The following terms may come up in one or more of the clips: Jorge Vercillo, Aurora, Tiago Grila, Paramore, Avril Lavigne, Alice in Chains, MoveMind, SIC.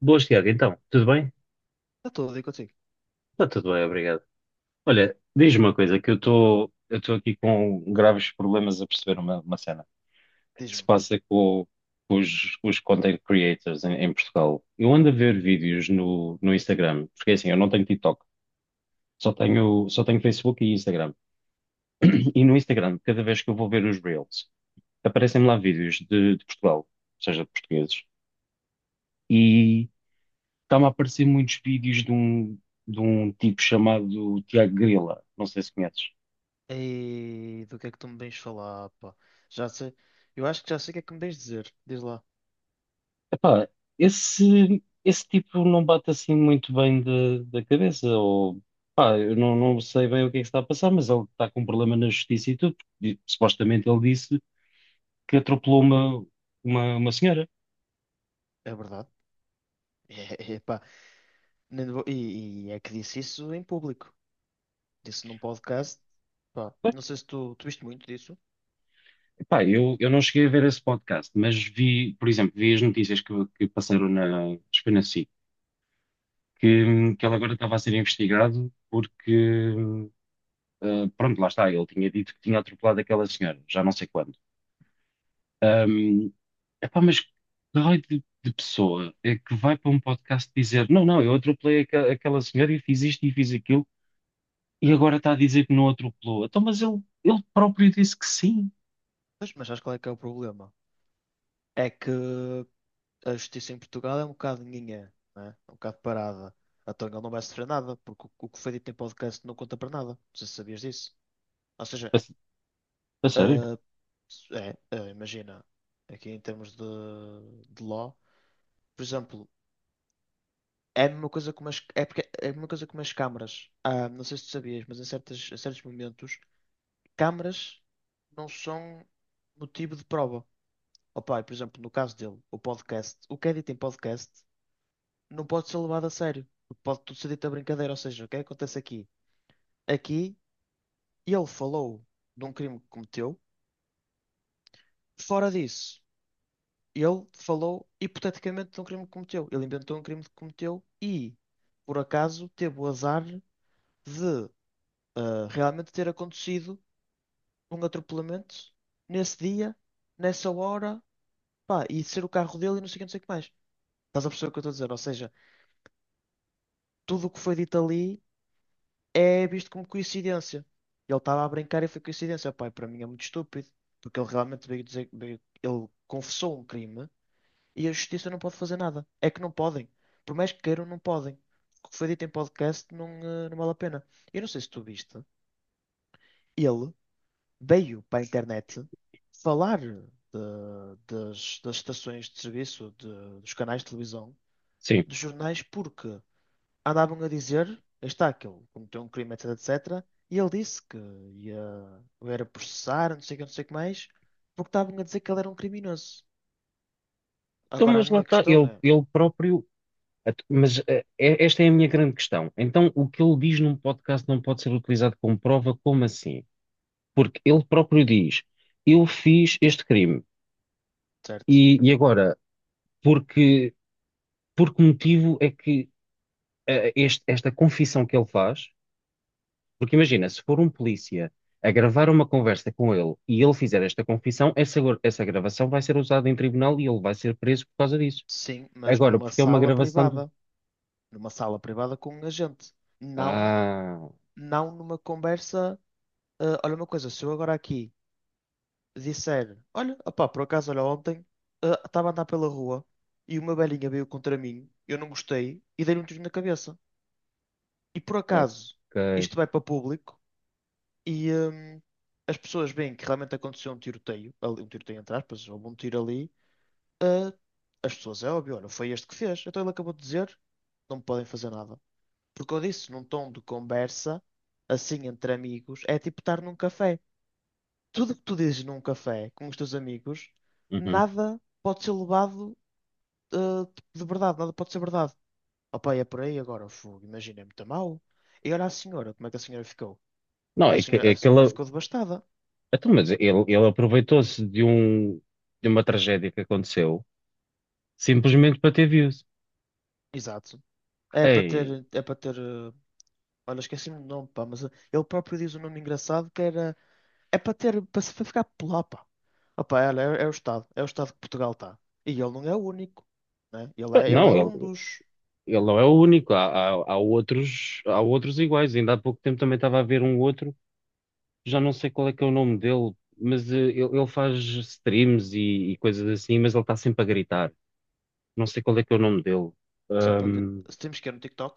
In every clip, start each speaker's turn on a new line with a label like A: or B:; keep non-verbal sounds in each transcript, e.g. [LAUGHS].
A: Boas, Tiago. Então, tudo bem?
B: Está tudo aí contigo.
A: Está tudo bem, obrigado. Olha, diz-me uma coisa, que eu estou aqui com graves problemas a perceber uma cena. O que se
B: Diz-me.
A: passa com os content creators em Portugal. Eu ando a ver vídeos no Instagram, porque é assim, eu não tenho TikTok, só tenho Facebook e Instagram.
B: Certo.
A: E no Instagram, cada vez que eu vou ver os Reels, aparecem-me lá vídeos de Portugal, ou seja, de portugueses. Está-me a aparecer muitos vídeos de um tipo chamado Tiago Grila. Não sei se conheces.
B: E do que é que tu me vens falar, pá? Já sei. Eu acho que já sei o que é que me vens dizer. Diz lá.
A: Epá, esse tipo não bate assim muito bem da cabeça. Ou pá, eu não, não sei bem o que é que está a passar, mas ele está com um problema na justiça e tudo. Porque supostamente ele disse que atropelou uma senhora.
B: É verdade. [LAUGHS] É, pá. Nem vou- E é que disse isso em público. Disse num podcast. Pá,
A: Bem,
B: não sei se tu viste muito disso,
A: epá, eu não cheguei a ver esse podcast, mas vi, por exemplo, vi as notícias que passaram na, acho que foi na SIC, que ele agora estava a ser investigado porque pronto, lá está, ele tinha dito que tinha atropelado aquela senhora, já não sei quando. Um, Epá, mas que raio de pessoa é que vai para um podcast dizer: Não, não, eu aquela senhora e fiz isto e fiz aquilo, e agora está a dizer que não atropelou. Então, mas ele próprio disse que sim.
B: mas sabes qual é que é o problema? É que a justiça em Portugal é um bocado ninguém, não é? É um bocado parada. Então ele não vai sofrer nada, porque o que foi dito em podcast não conta para nada. Não sei se sabias disso. Ou
A: A,
B: seja,
A: s- a sério?
B: ah, É, imagina, aqui em termos de law, por exemplo, é a mesma coisa com umas, é porque, é a mesma coisa com umas câmaras. Ah, não sei se tu sabias, mas em certos momentos, câmaras não são motivo de prova. Opa, e, por exemplo, no caso dele, o podcast, o que é dito em podcast não pode ser levado a sério, porque pode tudo ser dito a brincadeira. Ou seja, o que é que acontece aqui? Aqui ele falou de um crime que cometeu, fora disso. Ele falou hipoteticamente de um crime que cometeu. Ele inventou um crime que cometeu e, por acaso, teve o azar de realmente ter acontecido um atropelamento nesse dia, nessa hora, pá, e ser o carro dele e não sei o que, não sei o que mais. Estás a perceber o que eu estou a dizer? Ou seja, tudo o que foi dito ali é visto como coincidência. Ele estava a brincar e foi coincidência. Pá, e para mim é muito estúpido, porque ele realmente veio dizer, ele confessou um crime. E a justiça não pode fazer nada. É que não podem. Por mais que queiram, não podem. O que foi dito em podcast não vale a pena. Eu não sei se tu viste. Ele veio para a internet falar das estações de serviço, dos canais de televisão,
A: Sim.
B: dos jornais, porque andavam a dizer, está aquele, cometeu um crime, etc, etc. E ele disse que ia, o era processar, não sei o que, não sei o que mais, porque estavam a dizer que ele era um criminoso.
A: Então,
B: Agora a
A: mas lá
B: minha
A: está,
B: questão
A: ele,
B: é,
A: ele próprio. Esta é a minha grande questão. Então, o que ele diz num podcast não pode ser utilizado como prova, como assim? Porque ele próprio diz: Eu fiz este crime.
B: certo?
A: E agora, porque, por que motivo é que esta confissão que ele faz? Porque imagina, se for um polícia a gravar uma conversa com ele e ele fizer esta confissão, essa, essa gravação vai ser usada em tribunal e ele vai ser preso por causa disso.
B: Sim, mas
A: Agora,
B: numa
A: porque é uma
B: sala
A: gravação do.
B: privada. Numa sala privada com um agente. Não,
A: Ah,
B: não numa conversa. Olha uma coisa, se eu agora aqui disser, olha, opá, por acaso, olha, ontem estava a andar pela rua e uma velhinha veio contra mim, eu não gostei e dei-lhe um tiro na cabeça. E por acaso,
A: ok.
B: isto vai para público e as pessoas veem que realmente aconteceu um tiroteio, um tiroteio entre aspas, houve um tiro ali, ah, as pessoas, é óbvio, olha, foi este que fez. Então ele acabou de dizer, não me podem fazer nada. Porque eu disse num tom de conversa, assim entre amigos, é tipo estar num café. Tudo que tu dizes num café com os teus amigos,
A: Uhum.
B: nada pode ser levado eh, tipo, de verdade, nada pode ser verdade. Opa, é por aí agora, fogo, imagina, é muito mau. E olha a senhora, como é que a senhora ficou?
A: Não,
B: A senhora,
A: é
B: a
A: que
B: senhora
A: ele.
B: ficou devastada.
A: Então, mas ele aproveitou-se de uma tragédia que aconteceu simplesmente para ter views.
B: Exato. É para
A: Ei,
B: ter, é para ter, eh, olha, esqueci-me do nome, pá, mas ele próprio diz um nome engraçado que era. É para ter, para se- para ficar pela. Opa, olha, é o Estado que Portugal está. E ele não é o único, né? Ele é
A: não,
B: um
A: ele,
B: dos.
A: Ele não é o único, há outros iguais. Ainda há pouco tempo também estava a ver um outro, já não sei qual é que é o nome dele, mas ele faz streams e coisas assim, mas ele está sempre a gritar. Não sei qual é que é o nome dele.
B: Sempre,
A: Ahm,
B: se temos que ir no TikTok,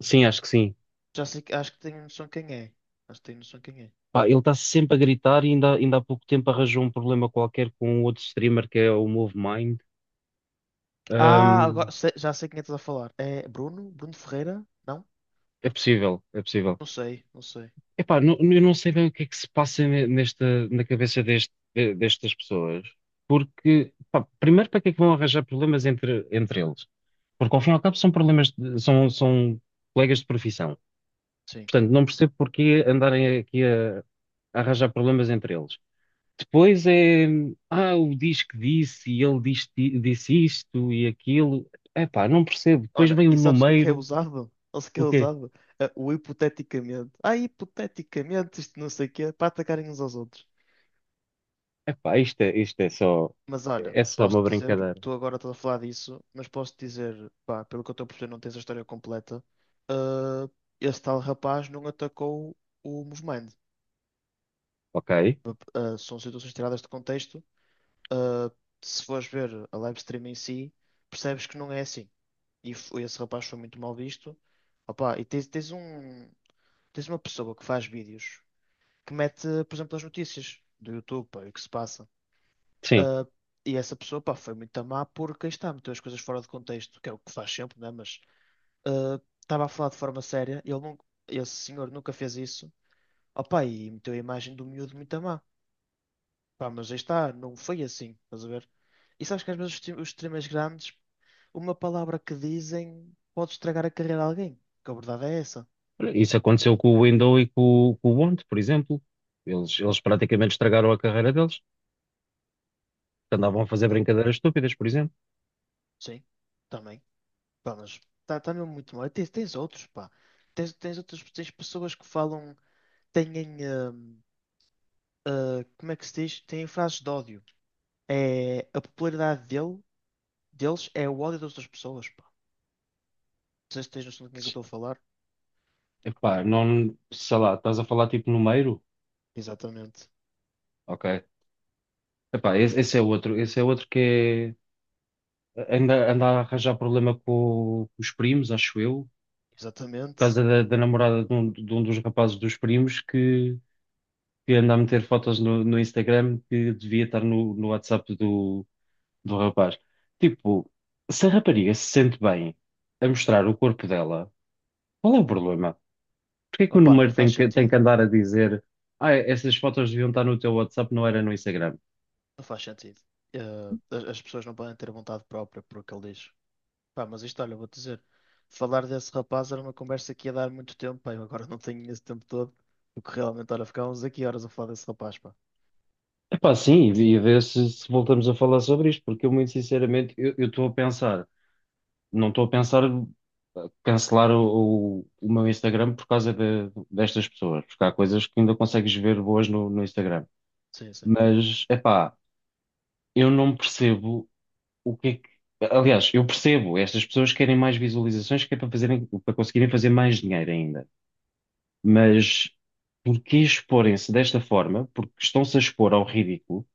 A: sim, acho que sim.
B: já sei, acho que tenho noção quem é. Acho que tenho noção quem é.
A: Pá, ele está sempre a gritar e ainda há pouco tempo arranjou um problema qualquer com um outro streamer que é o MoveMind.
B: Ah, agora
A: Ahm,
B: já sei quem é que estás a falar. É Bruno? Bruno Ferreira? Não?
A: é possível, é possível.
B: Não sei, não sei.
A: Epá, não, eu não sei bem o que é que se passa nesta, na cabeça destas pessoas, porque, pá, primeiro, para que é que vão arranjar problemas entre eles? Porque, ao fim e ao cabo, são problemas, são colegas de profissão.
B: Sim.
A: Portanto, não percebo porquê andarem aqui a arranjar problemas entre eles. Depois é, ah, o diz que disse, e disse, isto e aquilo. Epá, não percebo. Depois
B: Olha,
A: vem o
B: e sabes o que é
A: número,
B: usado? Sabes o que é
A: o quê?
B: usado? É o hipoteticamente. Ah, hipoteticamente, isto não sei o quê, para atacarem uns aos outros.
A: Epá, isto
B: Mas olha,
A: é só uma
B: posso-te dizer,
A: brincadeira,
B: tu agora estás a falar disso, mas posso-te dizer, pá, pelo que eu estou a perceber, não tens a história completa. ah, Esse tal rapaz não atacou o movimento.
A: ok?
B: Ah, São situações tiradas de contexto. Ah, Se fores ver a live stream em si, percebes que não é assim. E esse rapaz foi muito mal visto. Opa, e tens uma pessoa que faz vídeos que mete, por exemplo, as notícias do YouTube, pá, e o que se passa.
A: Sim,
B: Ah, e essa pessoa, pá, foi muito má porque aí está, meteu as coisas fora de contexto, que é o que faz sempre, né? Mas estava a falar de forma séria, ele não, esse senhor nunca fez isso, opá, e meteu a imagem do miúdo muito má. Pá, mas aí está, não foi assim, estás a ver? E sabes que às vezes os streamers grandes, uma palavra que dizem pode estragar a carreira de alguém, que a verdade é essa.
A: isso aconteceu com o Windows e com o Bond, por exemplo. Eles praticamente estragaram a carreira deles, porque andavam a fazer
B: Eh,
A: brincadeiras estúpidas, por exemplo.
B: Sim, também. Pá, mas está mesmo muito mal. E tens outros, pá. Tens pessoas que falam, têm. ah, como é que se diz? Têm frases de ódio. É, a popularidade deles é o ódio das outras pessoas, pá. Não sei se tens noção do que é que eu estou a falar.
A: Epá, não, sei lá, estás a falar tipo número?
B: Exatamente.
A: Ok. Epá, esse, esse é outro que é, anda, anda a arranjar problema com os primos, acho eu, por
B: Exatamente.
A: causa da namorada de um dos rapazes dos primos que anda a meter fotos no Instagram que devia estar no WhatsApp do, do rapaz. Tipo, se a rapariga se sente bem a mostrar o corpo dela, qual é o problema? Porquê é que o
B: Opá, não
A: número
B: faz
A: tem que
B: sentido.
A: andar a dizer, ah, essas fotos deviam estar no teu WhatsApp, não era no Instagram?
B: Não faz sentido. As pessoas não podem ter vontade própria por o que ele diz. Pá, mas isto, olha, vou-te dizer. Falar desse rapaz era uma conversa que ia dar muito tempo, pá. Eu agora [LAUGHS] não tenho esse tempo todo. Porque realmente, olha, ficávamos aqui horas a falar desse rapaz, pá.
A: Epá, sim, e ver se, se voltamos a falar sobre isto, porque eu muito sinceramente, eu estou a pensar, não estou a pensar cancelar o meu Instagram por causa de- destas pessoas, porque há coisas que ainda consegues ver boas no Instagram.
B: Sim, sim.
A: Mas, epá, eu não percebo o que é que- Aliás, eu percebo, estas pessoas querem mais visualizações que é para fazerem, para conseguirem fazer mais dinheiro ainda. Mas porque exporem-se desta forma? Porque estão-se a expor ao ridículo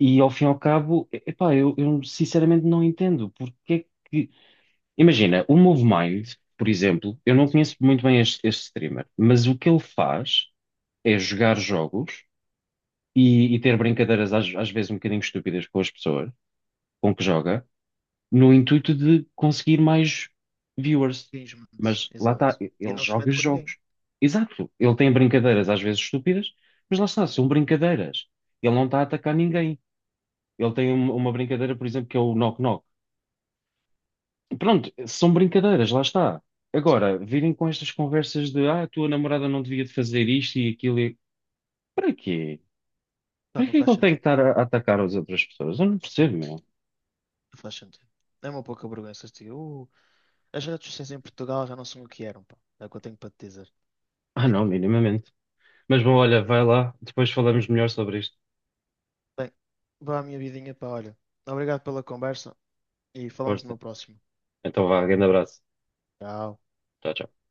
A: e ao fim e ao cabo, epá, eu sinceramente não entendo porque é que. Imagina, o MoveMind, por exemplo, eu não
B: Sim.
A: conheço muito bem este streamer, mas o que ele faz é jogar jogos e ter brincadeiras às vezes um bocadinho estúpidas com as pessoas com que joga, no intuito de conseguir mais viewers.
B: Infelizmente.
A: Mas lá está,
B: Exato. E
A: ele
B: não se
A: joga
B: mete com ninguém.
A: jogos. Exato, ele tem brincadeiras às vezes estúpidas, mas lá está, são brincadeiras. Ele não está a atacar ninguém. Uma brincadeira, por exemplo, que é o Knock Knock. Pronto, são brincadeiras, lá está.
B: Sim.
A: Agora, virem com estas conversas de ah, a tua namorada não devia de fazer isto e aquilo. E... Para quê?
B: Pá,
A: Para
B: não
A: que é que
B: faz
A: ele tem que
B: sentido.
A: estar a atacar as outras pessoas? Eu não percebo, meu.
B: Não faz sentido. É uma pouca vergonha. Se diga, "As redes sociais em Portugal já não são o que eram, pá. É o que eu tenho para te dizer.
A: Ah, não, minimamente. Mas bom, olha, vai lá, depois falamos melhor sobre isto.
B: Bem, vá à minha vidinha, pá, olha. Obrigado pela conversa e falamos numa
A: Força.
B: próxima.
A: Então vá, grande abraço.
B: Tchau.
A: Tchau, tchau.